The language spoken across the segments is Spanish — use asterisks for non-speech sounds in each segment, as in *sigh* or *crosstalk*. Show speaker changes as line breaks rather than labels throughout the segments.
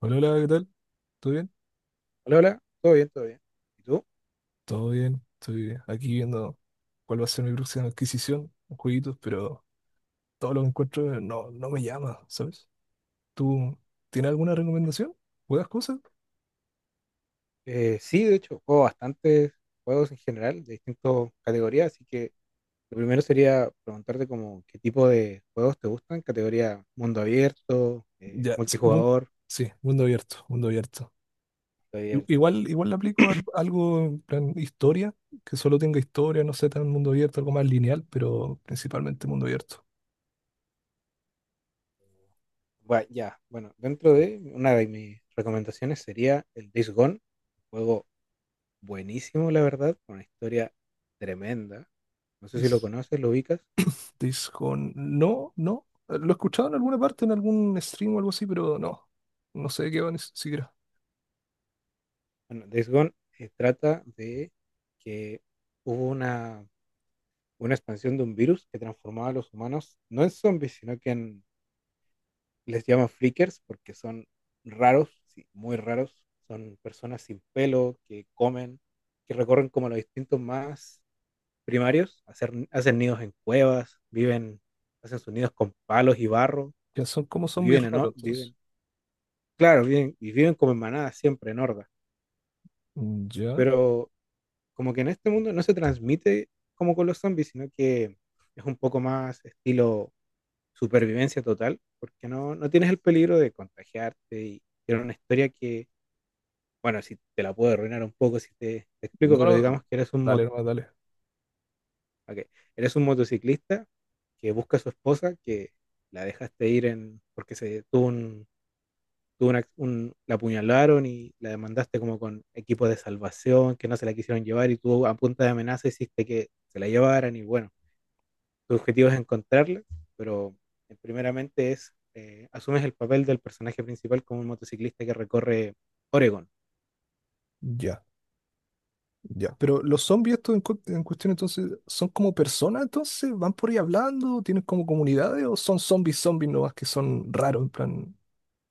Hola, hola, ¿qué tal? ¿Todo bien?
Hola, hola, todo bien, todo bien. ¿Y tú?
Todo bien. Estoy aquí viendo cuál va a ser mi próxima adquisición, jueguitos, pero todo lo que encuentro no me llama, ¿sabes? ¿Tú tienes alguna recomendación? ¿Juegas cosas?
Sí, de hecho, juego bastantes juegos en general, de distintas categorías, así que lo primero sería preguntarte como qué tipo de juegos te gustan, categoría mundo abierto,
Ya, sí,
multijugador,
sí, mundo abierto, mundo abierto.
mundo abierto.
Igual, igual le aplico algo en plan historia, que solo tenga historia, no sé, tan mundo abierto, algo más lineal, pero principalmente mundo abierto.
Bueno, ya, bueno, dentro de una de mis recomendaciones sería el Days Gone, juego buenísimo, la verdad, con una historia tremenda. No sé si lo
Es.
conoces, lo ubicas.
Dishonored. No, no. Lo he escuchado en alguna parte, en algún stream o algo así, pero no. No sé de qué va ni siquiera.
Bueno, Days Gone trata de que hubo una expansión de un virus que transformaba a los humanos no en zombies, sino que en, les llaman flickers porque son raros, sí, muy raros. Son personas sin pelo que comen, que recorren como los distintos más primarios, hacen nidos en cuevas, viven, hacen sus nidos con palos y barro
Ya son como
y
zombies
viven en,
raros, entonces.
viven, claro, viven, y viven como en manadas siempre, en hordas.
Mm, ya.
Pero como que en este mundo no se transmite como con los zombies, sino que es un poco más estilo supervivencia total, porque no, no tienes el peligro de contagiarte y era una historia que, bueno, si te la puedo arruinar un poco si te, te explico,
No,
pero digamos
no.
que eres un,
Dale, nomás, dale.
ok, eres un motociclista que busca a su esposa, que la dejaste ir en, porque se tuvo un, tuvo la apuñalaron y la demandaste como con equipo de salvación, que no se la quisieron llevar y tú a punta de amenaza hiciste que se la llevaran y bueno tu objetivo es encontrarla, pero primeramente es, asumes el papel del personaje principal como un motociclista que recorre Oregón.
Ya, ya. Pero los zombies estos en, en cuestión, entonces, ¿son como personas, entonces? ¿Van por ahí hablando? ¿Tienen como comunidades? ¿O son zombies, zombies nomás que son raros, en plan,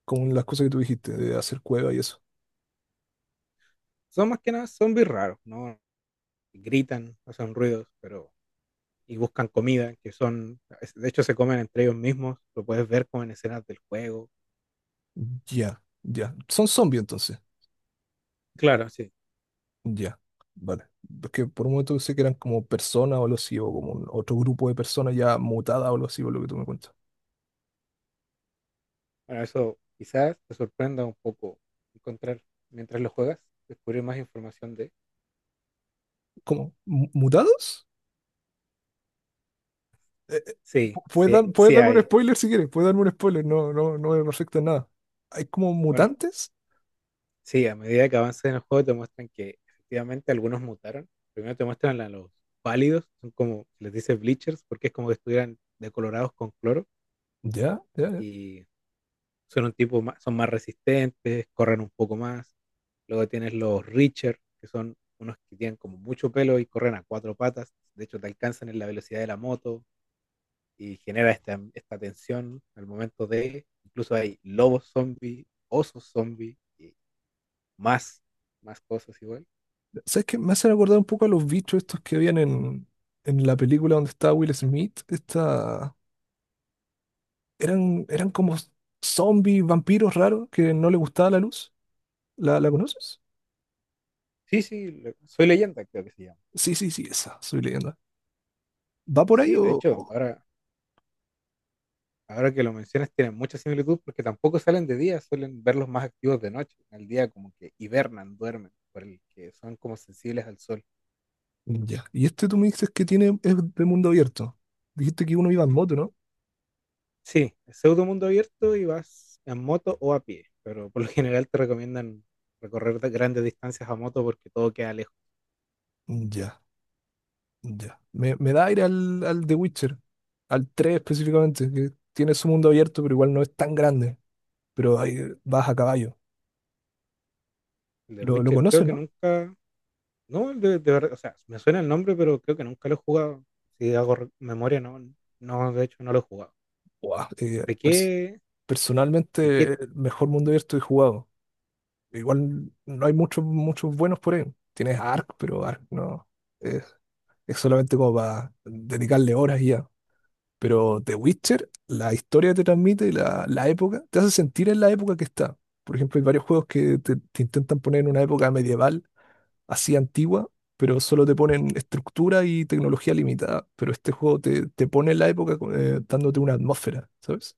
como las cosas que tú dijiste, de hacer cueva y eso?
Son más que nada zombies raros, ¿no? Gritan, hacen ruidos, pero y buscan comida, que son, de hecho se comen entre ellos mismos, lo puedes ver como en escenas del juego.
Ya, ya. Son zombies, entonces.
Claro, sí.
Ya, vale. Es que por un momento pensé que eran como personas o algo así, o como otro grupo de personas ya mutadas o algo así, por lo que tú me cuentas.
Bueno, eso quizás te sorprenda un poco encontrar mientras lo juegas, descubrir más información de...
¿Cómo? ¿Mutados? Eh, eh,
Sí,
¿Puedes
sí,
puedes
sí
darme un
hay.
spoiler si quieres? ¿Puedes darme un spoiler? No, no, no me afecta en nada. ¿Hay como
Bueno,
mutantes?
sí, a medida que avanzas en el juego te muestran que efectivamente algunos mutaron. Primero te muestran a los pálidos, son como, les dice bleachers, porque es como que estuvieran decolorados con cloro
Ya, ya, ya.
y son un tipo más, son más resistentes, corren un poco más. Luego tienes los richer, que son unos que tienen como mucho pelo y corren a cuatro patas, de hecho te alcanzan en la velocidad de la moto y genera esta tensión al momento de, incluso hay lobos zombies, osos zombies y más, más cosas igual.
¿Sabes qué? Me hacen acordar un poco a los bichos estos que habían en la película donde estaba Will Smith. Esta... Eran, eran como zombies, vampiros raros que no les gustaba la luz. ¿La, la conoces?
Sí, sí, soy leyenda, creo que se llama.
Sí, sí, sí, esa. Soy leyenda. ¿Va por ahí
Sí, de
o...?
hecho, ahora, ahora que lo mencionas, tienen mucha similitud porque tampoco salen de día, suelen verlos más activos de noche. En el día como que hibernan, duermen, por el que son como sensibles al sol.
Ya. Y este tú me dices que tiene, es de mundo abierto. Dijiste que uno iba en moto, ¿no?
Sí, es pseudo mundo abierto y vas en moto o a pie, pero por lo general te recomiendan recorrer grandes distancias a moto porque todo queda lejos.
Ya, ya. Me da aire al, al The Witcher, al 3 específicamente, que tiene su mundo abierto, pero igual no es tan grande. Pero ahí vas a caballo.
El de
Lo
Witcher creo
conoces,
que
¿no?
nunca, no, el de verdad, o sea, me suena el nombre, pero creo que nunca lo he jugado. Si hago memoria, no, no, de hecho no lo he jugado.
Buah,
¿De qué? De
personalmente,
Kit,
el mejor mundo abierto que he jugado. Igual no hay muchos muchos buenos por ahí. Tienes Ark, pero Ark no. Es, es solamente como para dedicarle horas y ya. Pero The Witcher, la historia te transmite, la época, te hace sentir en la época que está. Por ejemplo, hay varios juegos que te intentan poner en una época medieval, así antigua, pero solo te ponen estructura y tecnología limitada. Pero este juego te, te pone en la época dándote una atmósfera, ¿sabes?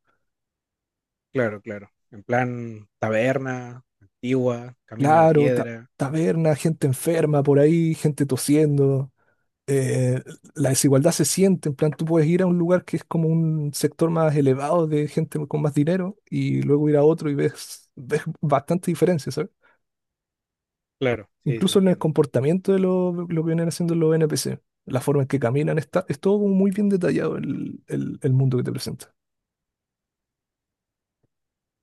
claro, claro. En plan taberna, antigua, camino de
Claro,
piedra.
taberna, gente enferma por ahí, gente tosiendo, eh, la desigualdad se siente, en plan, tú puedes ir a un lugar que es como un sector más elevado de gente con más dinero y luego ir a otro y ves, *laughs* ves bastante diferencia, ¿sabes?
Claro, sí, sí,
Incluso en el
entiendo.
comportamiento de lo que vienen haciendo los NPC, la forma en que caminan, está, es todo como muy bien detallado el, el mundo que te presenta.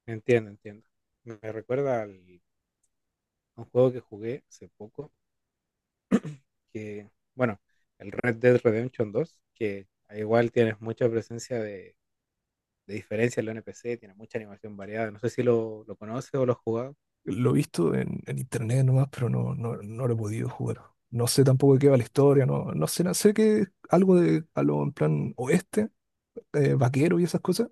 Entiendo, entiendo. Me recuerda al, a un juego que jugué hace poco, que, bueno, el Red Dead Redemption 2, que igual tienes mucha presencia de diferencia en la NPC, tiene mucha animación variada. No sé si lo, lo conoces o lo has jugado.
Lo he visto en internet nomás, pero no, no, no lo he podido jugar. No sé tampoco de qué va la historia, no, no sé, no sé que algo de, a lo en plan oeste, vaquero y esas cosas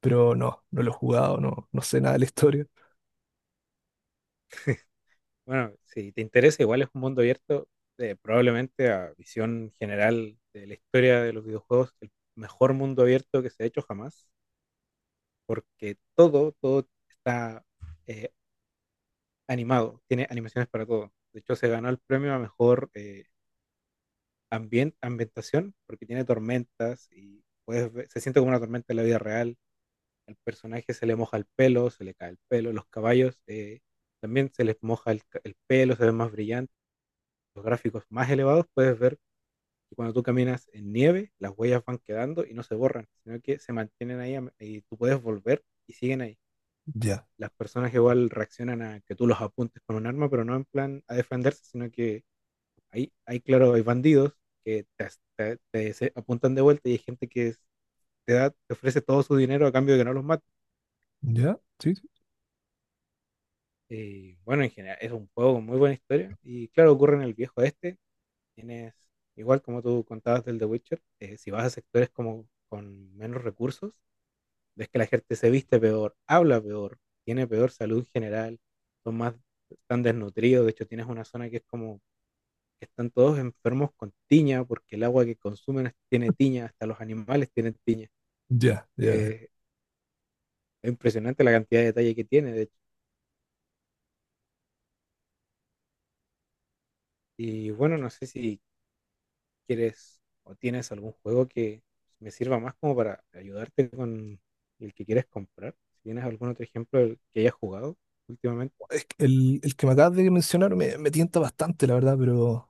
pero no, no lo he jugado, no, no sé nada de la historia.
Bueno, si te interesa, igual es un mundo abierto, probablemente a visión general de la historia de los videojuegos, el mejor mundo abierto que se ha hecho jamás. Porque todo, todo está eh, animado, tiene animaciones para todo. De hecho, se ganó el premio a mejor ambientación porque tiene tormentas y puedes ver- se siente como una tormenta en la vida real. Al personaje se le moja el pelo, se le cae el pelo. Los caballos también se les moja el, el pelo, se ven más brillantes. Los gráficos más elevados puedes ver que cuando tú caminas en nieve, las huellas van quedando y no se borran, sino que se mantienen ahí y tú puedes volver y siguen ahí.
Ya,
Las personas igual reaccionan a que tú los apuntes con un arma, pero no en plan a defenderse, sino que hay claro, hay bandidos que te, apuntan de vuelta y hay gente que es- te, da, te ofrece todo su dinero a cambio de que no los mate.
ya, sí, sí,
Y bueno, en general es un juego con muy buena historia y claro, ocurre en el viejo este. Tienes, igual como tú contabas del The Witcher, si vas a sectores como con menos recursos, es que la gente se viste peor, habla peor, tiene peor salud general, son más, están desnutridos, de hecho tienes una zona que es como que están todos enfermos con tiña, porque el agua que consumen es- tiene tiña, hasta los animales tienen tiña.
ya, ya. Ya.
Eh, es impresionante la cantidad de detalle que tiene, de hecho. Y bueno, no sé si quieres o tienes algún juego que me sirva más como para ayudarte con el que quieres comprar. Si tienes algún otro ejemplo del que hayas jugado últimamente.
Es que el que me acabas de mencionar me, me tienta bastante, la verdad, pero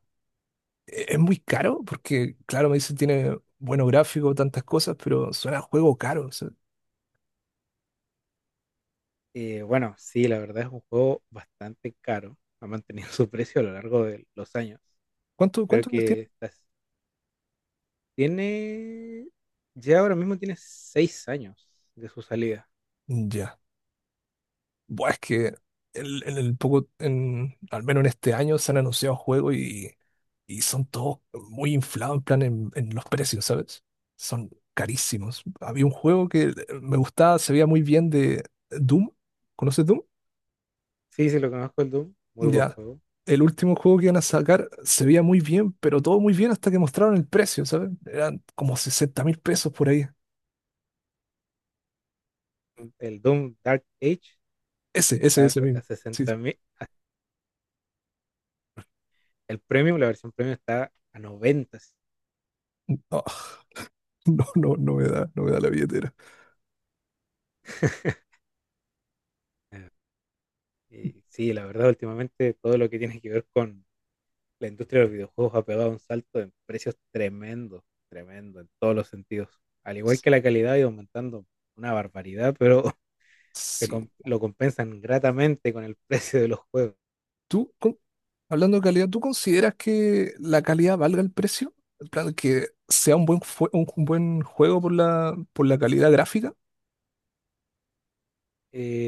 es muy caro porque, claro, me dicen tiene buenos gráficos, tantas cosas, pero suena a juego caro. O sea,
Bueno, sí, la verdad es un juego bastante caro. Ha mantenido *laughs* su precio a lo largo de los años.
¿cuánto,
Creo
cuántos años tiene?
que está- tiene, ya ahora mismo tiene 6 años de su salida.
Ya, buah, es que el, en el poco, en, al menos en este año se han anunciado juegos y son todos muy inflados en plan en los precios, ¿sabes? Son carísimos. Había un juego que me gustaba, se veía muy bien de Doom. ¿Conoces Doom?
Sí, sí, lo conozco el Doom. Muy buen
Ya.
juego.
El último juego que iban a sacar se veía muy bien, pero todo muy bien hasta que mostraron el precio, ¿sabes? Eran como 60.000 pesos por ahí.
El Doom Dark Age
Ese, ese,
está
ese
a
mismo. Sí, sí.
60.000. El premium, la versión premium está a 90.
Ah, *laughs* no, no, no me da, no me da la billetera.
*laughs* Y sí, la verdad, últimamente todo lo que tiene que ver con la industria de los videojuegos ha pegado un salto en precios tremendo, tremendo en todos los sentidos. Al igual que la calidad ha ido aumentando una barbaridad, pero *laughs*
Sí.
lo compensan gratamente con el *laughs* precio de los juegos.
¿Tú? Hablando de calidad, ¿tú consideras que la calidad valga el precio? En plan, que sea un buen, un buen juego por la calidad gráfica.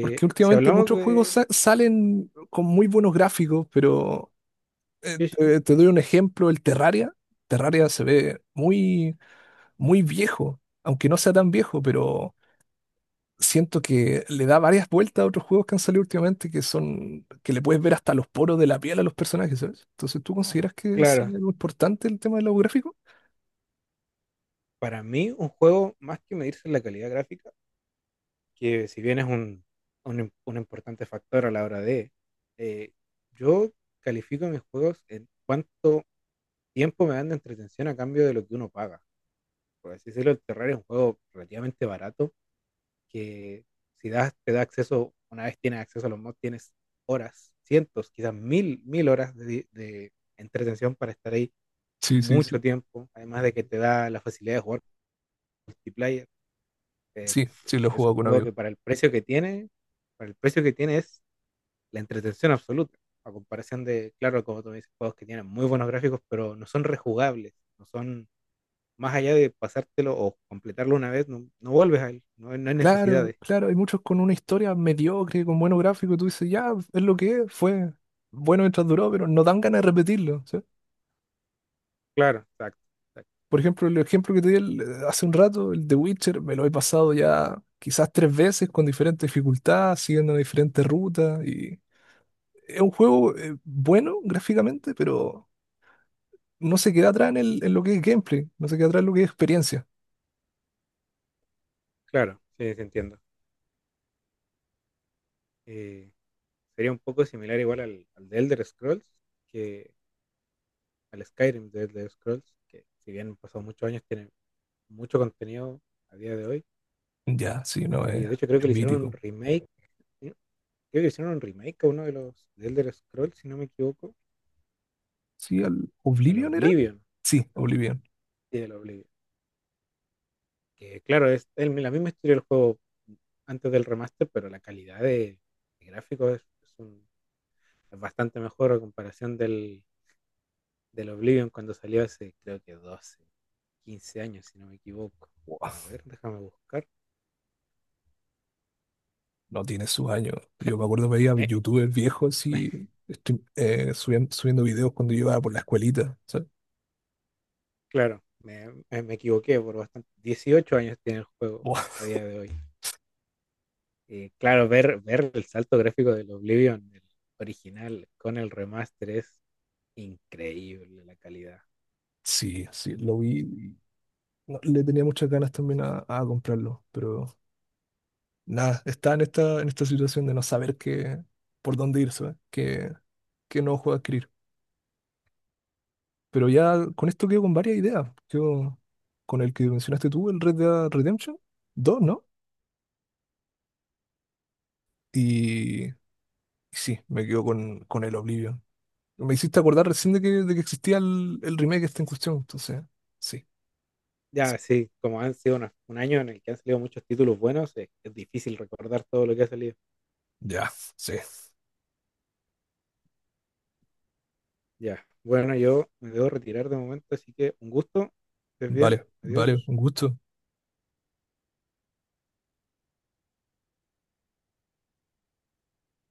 Porque
Si
últimamente
hablamos
muchos juegos
de
salen con muy buenos gráficos, pero
Yoshi,
te, te doy un ejemplo, el Terraria. Terraria se ve muy, muy viejo, aunque no sea tan viejo, pero siento que le da varias vueltas a otros juegos que han salido últimamente que son, que le puedes ver hasta los poros de la piel a los personajes, ¿sabes? Entonces, ¿tú consideras que es
claro,
algo importante el tema de los gráficos?
para mí un juego más que medirse en la calidad gráfica, que si bien es un, un importante factor a la hora de, eh, yo califico mis juegos en cuánto tiempo me dan de entretención a cambio de lo que uno paga. Por así decirlo, el Terraria es un juego relativamente barato que si das, te da acceso, una vez tienes acceso a los mods, tienes horas, cientos, quizás mil, mil horas de entretención para estar ahí
Sí, sí,
mucho
sí.
tiempo, además de que te da la facilidad de jugar multiplayer. Es,
Sí, sí, lo he
es
jugado
un
con
juego
amigos.
que para el precio que tiene, para el precio que tiene es la entretención absoluta, a comparación de, claro, como tú me dices, juegos que tienen muy buenos gráficos, pero no son rejugables, no son más allá de pasártelo o completarlo una vez, no, no vuelves a él, no, no hay
Claro,
necesidades.
claro, hay muchos con una historia mediocre, con buenos gráficos, y tú dices, ya, es lo que es, fue bueno mientras duró, pero no dan ganas de repetirlo, ¿sí?
Claro, exacto, exacto,
Por ejemplo, el ejemplo que te di hace un rato, el de Witcher, me lo he pasado ya quizás tres veces con diferentes dificultades, siguiendo diferentes rutas, y es un juego bueno gráficamente, pero no se queda atrás en, en lo que es gameplay, no se queda atrás en lo que es experiencia.
claro, sí, sí entiendo. Eh, Sería un poco similar igual al, al de Elder Scrolls, que al Skyrim de Elder Scrolls, que si bien han pasado muchos años, tiene mucho contenido a día de hoy.
Ya, sí, no,
Y de hecho creo que
es
le hicieron un
mítico.
remake, ¿sí? Creo que le hicieron un remake a uno de los de Elder Scrolls, si no me equivoco,
Sí, al
al
Oblivion era.
Oblivion.
Sí,
Al,
Oblivion.
sí, al Oblivion. Que claro, es el- la misma historia del juego antes del remaster, pero la calidad de gráficos es un- es bastante mejor a comparación del, del Oblivion cuando salió hace creo que 12 15 años, si no me equivoco.
Buah,
A ver, déjame buscar.
no tiene sus años. Yo me acuerdo veía
Me,
youtubers viejos
me-
así,
*laughs*
estoy, subiendo, subiendo videos cuando yo iba por la escuelita. ¿Sabes?
claro, me equivoqué por bastante. 18 años tiene el juego
Buah,
a día de hoy. Claro, ver el salto gráfico del Oblivion, el original, con el remaster es increíble la calidad.
sí, sí, lo vi. Y le tenía muchas ganas también a comprarlo, pero nada, está en esta situación de no saber qué, por dónde ir, ¿sabes? Qué, qué nuevo juego adquirir. Pero ya con esto quedo con varias ideas. Yo, con el que mencionaste tú, el Red Dead Redemption 2, ¿no? Y sí, me quedo con el Oblivion. Me hiciste acordar recién de que existía el remake este en cuestión, entonces, sí.
Ya, sí, como han sido un año en el que han salido muchos títulos buenos, es difícil recordar todo lo que ha salido.
Ya, sí.
Ya, bueno, yo me debo retirar de momento, así que un gusto, estés bien,
Vale, vale,
adiós.
un gusto.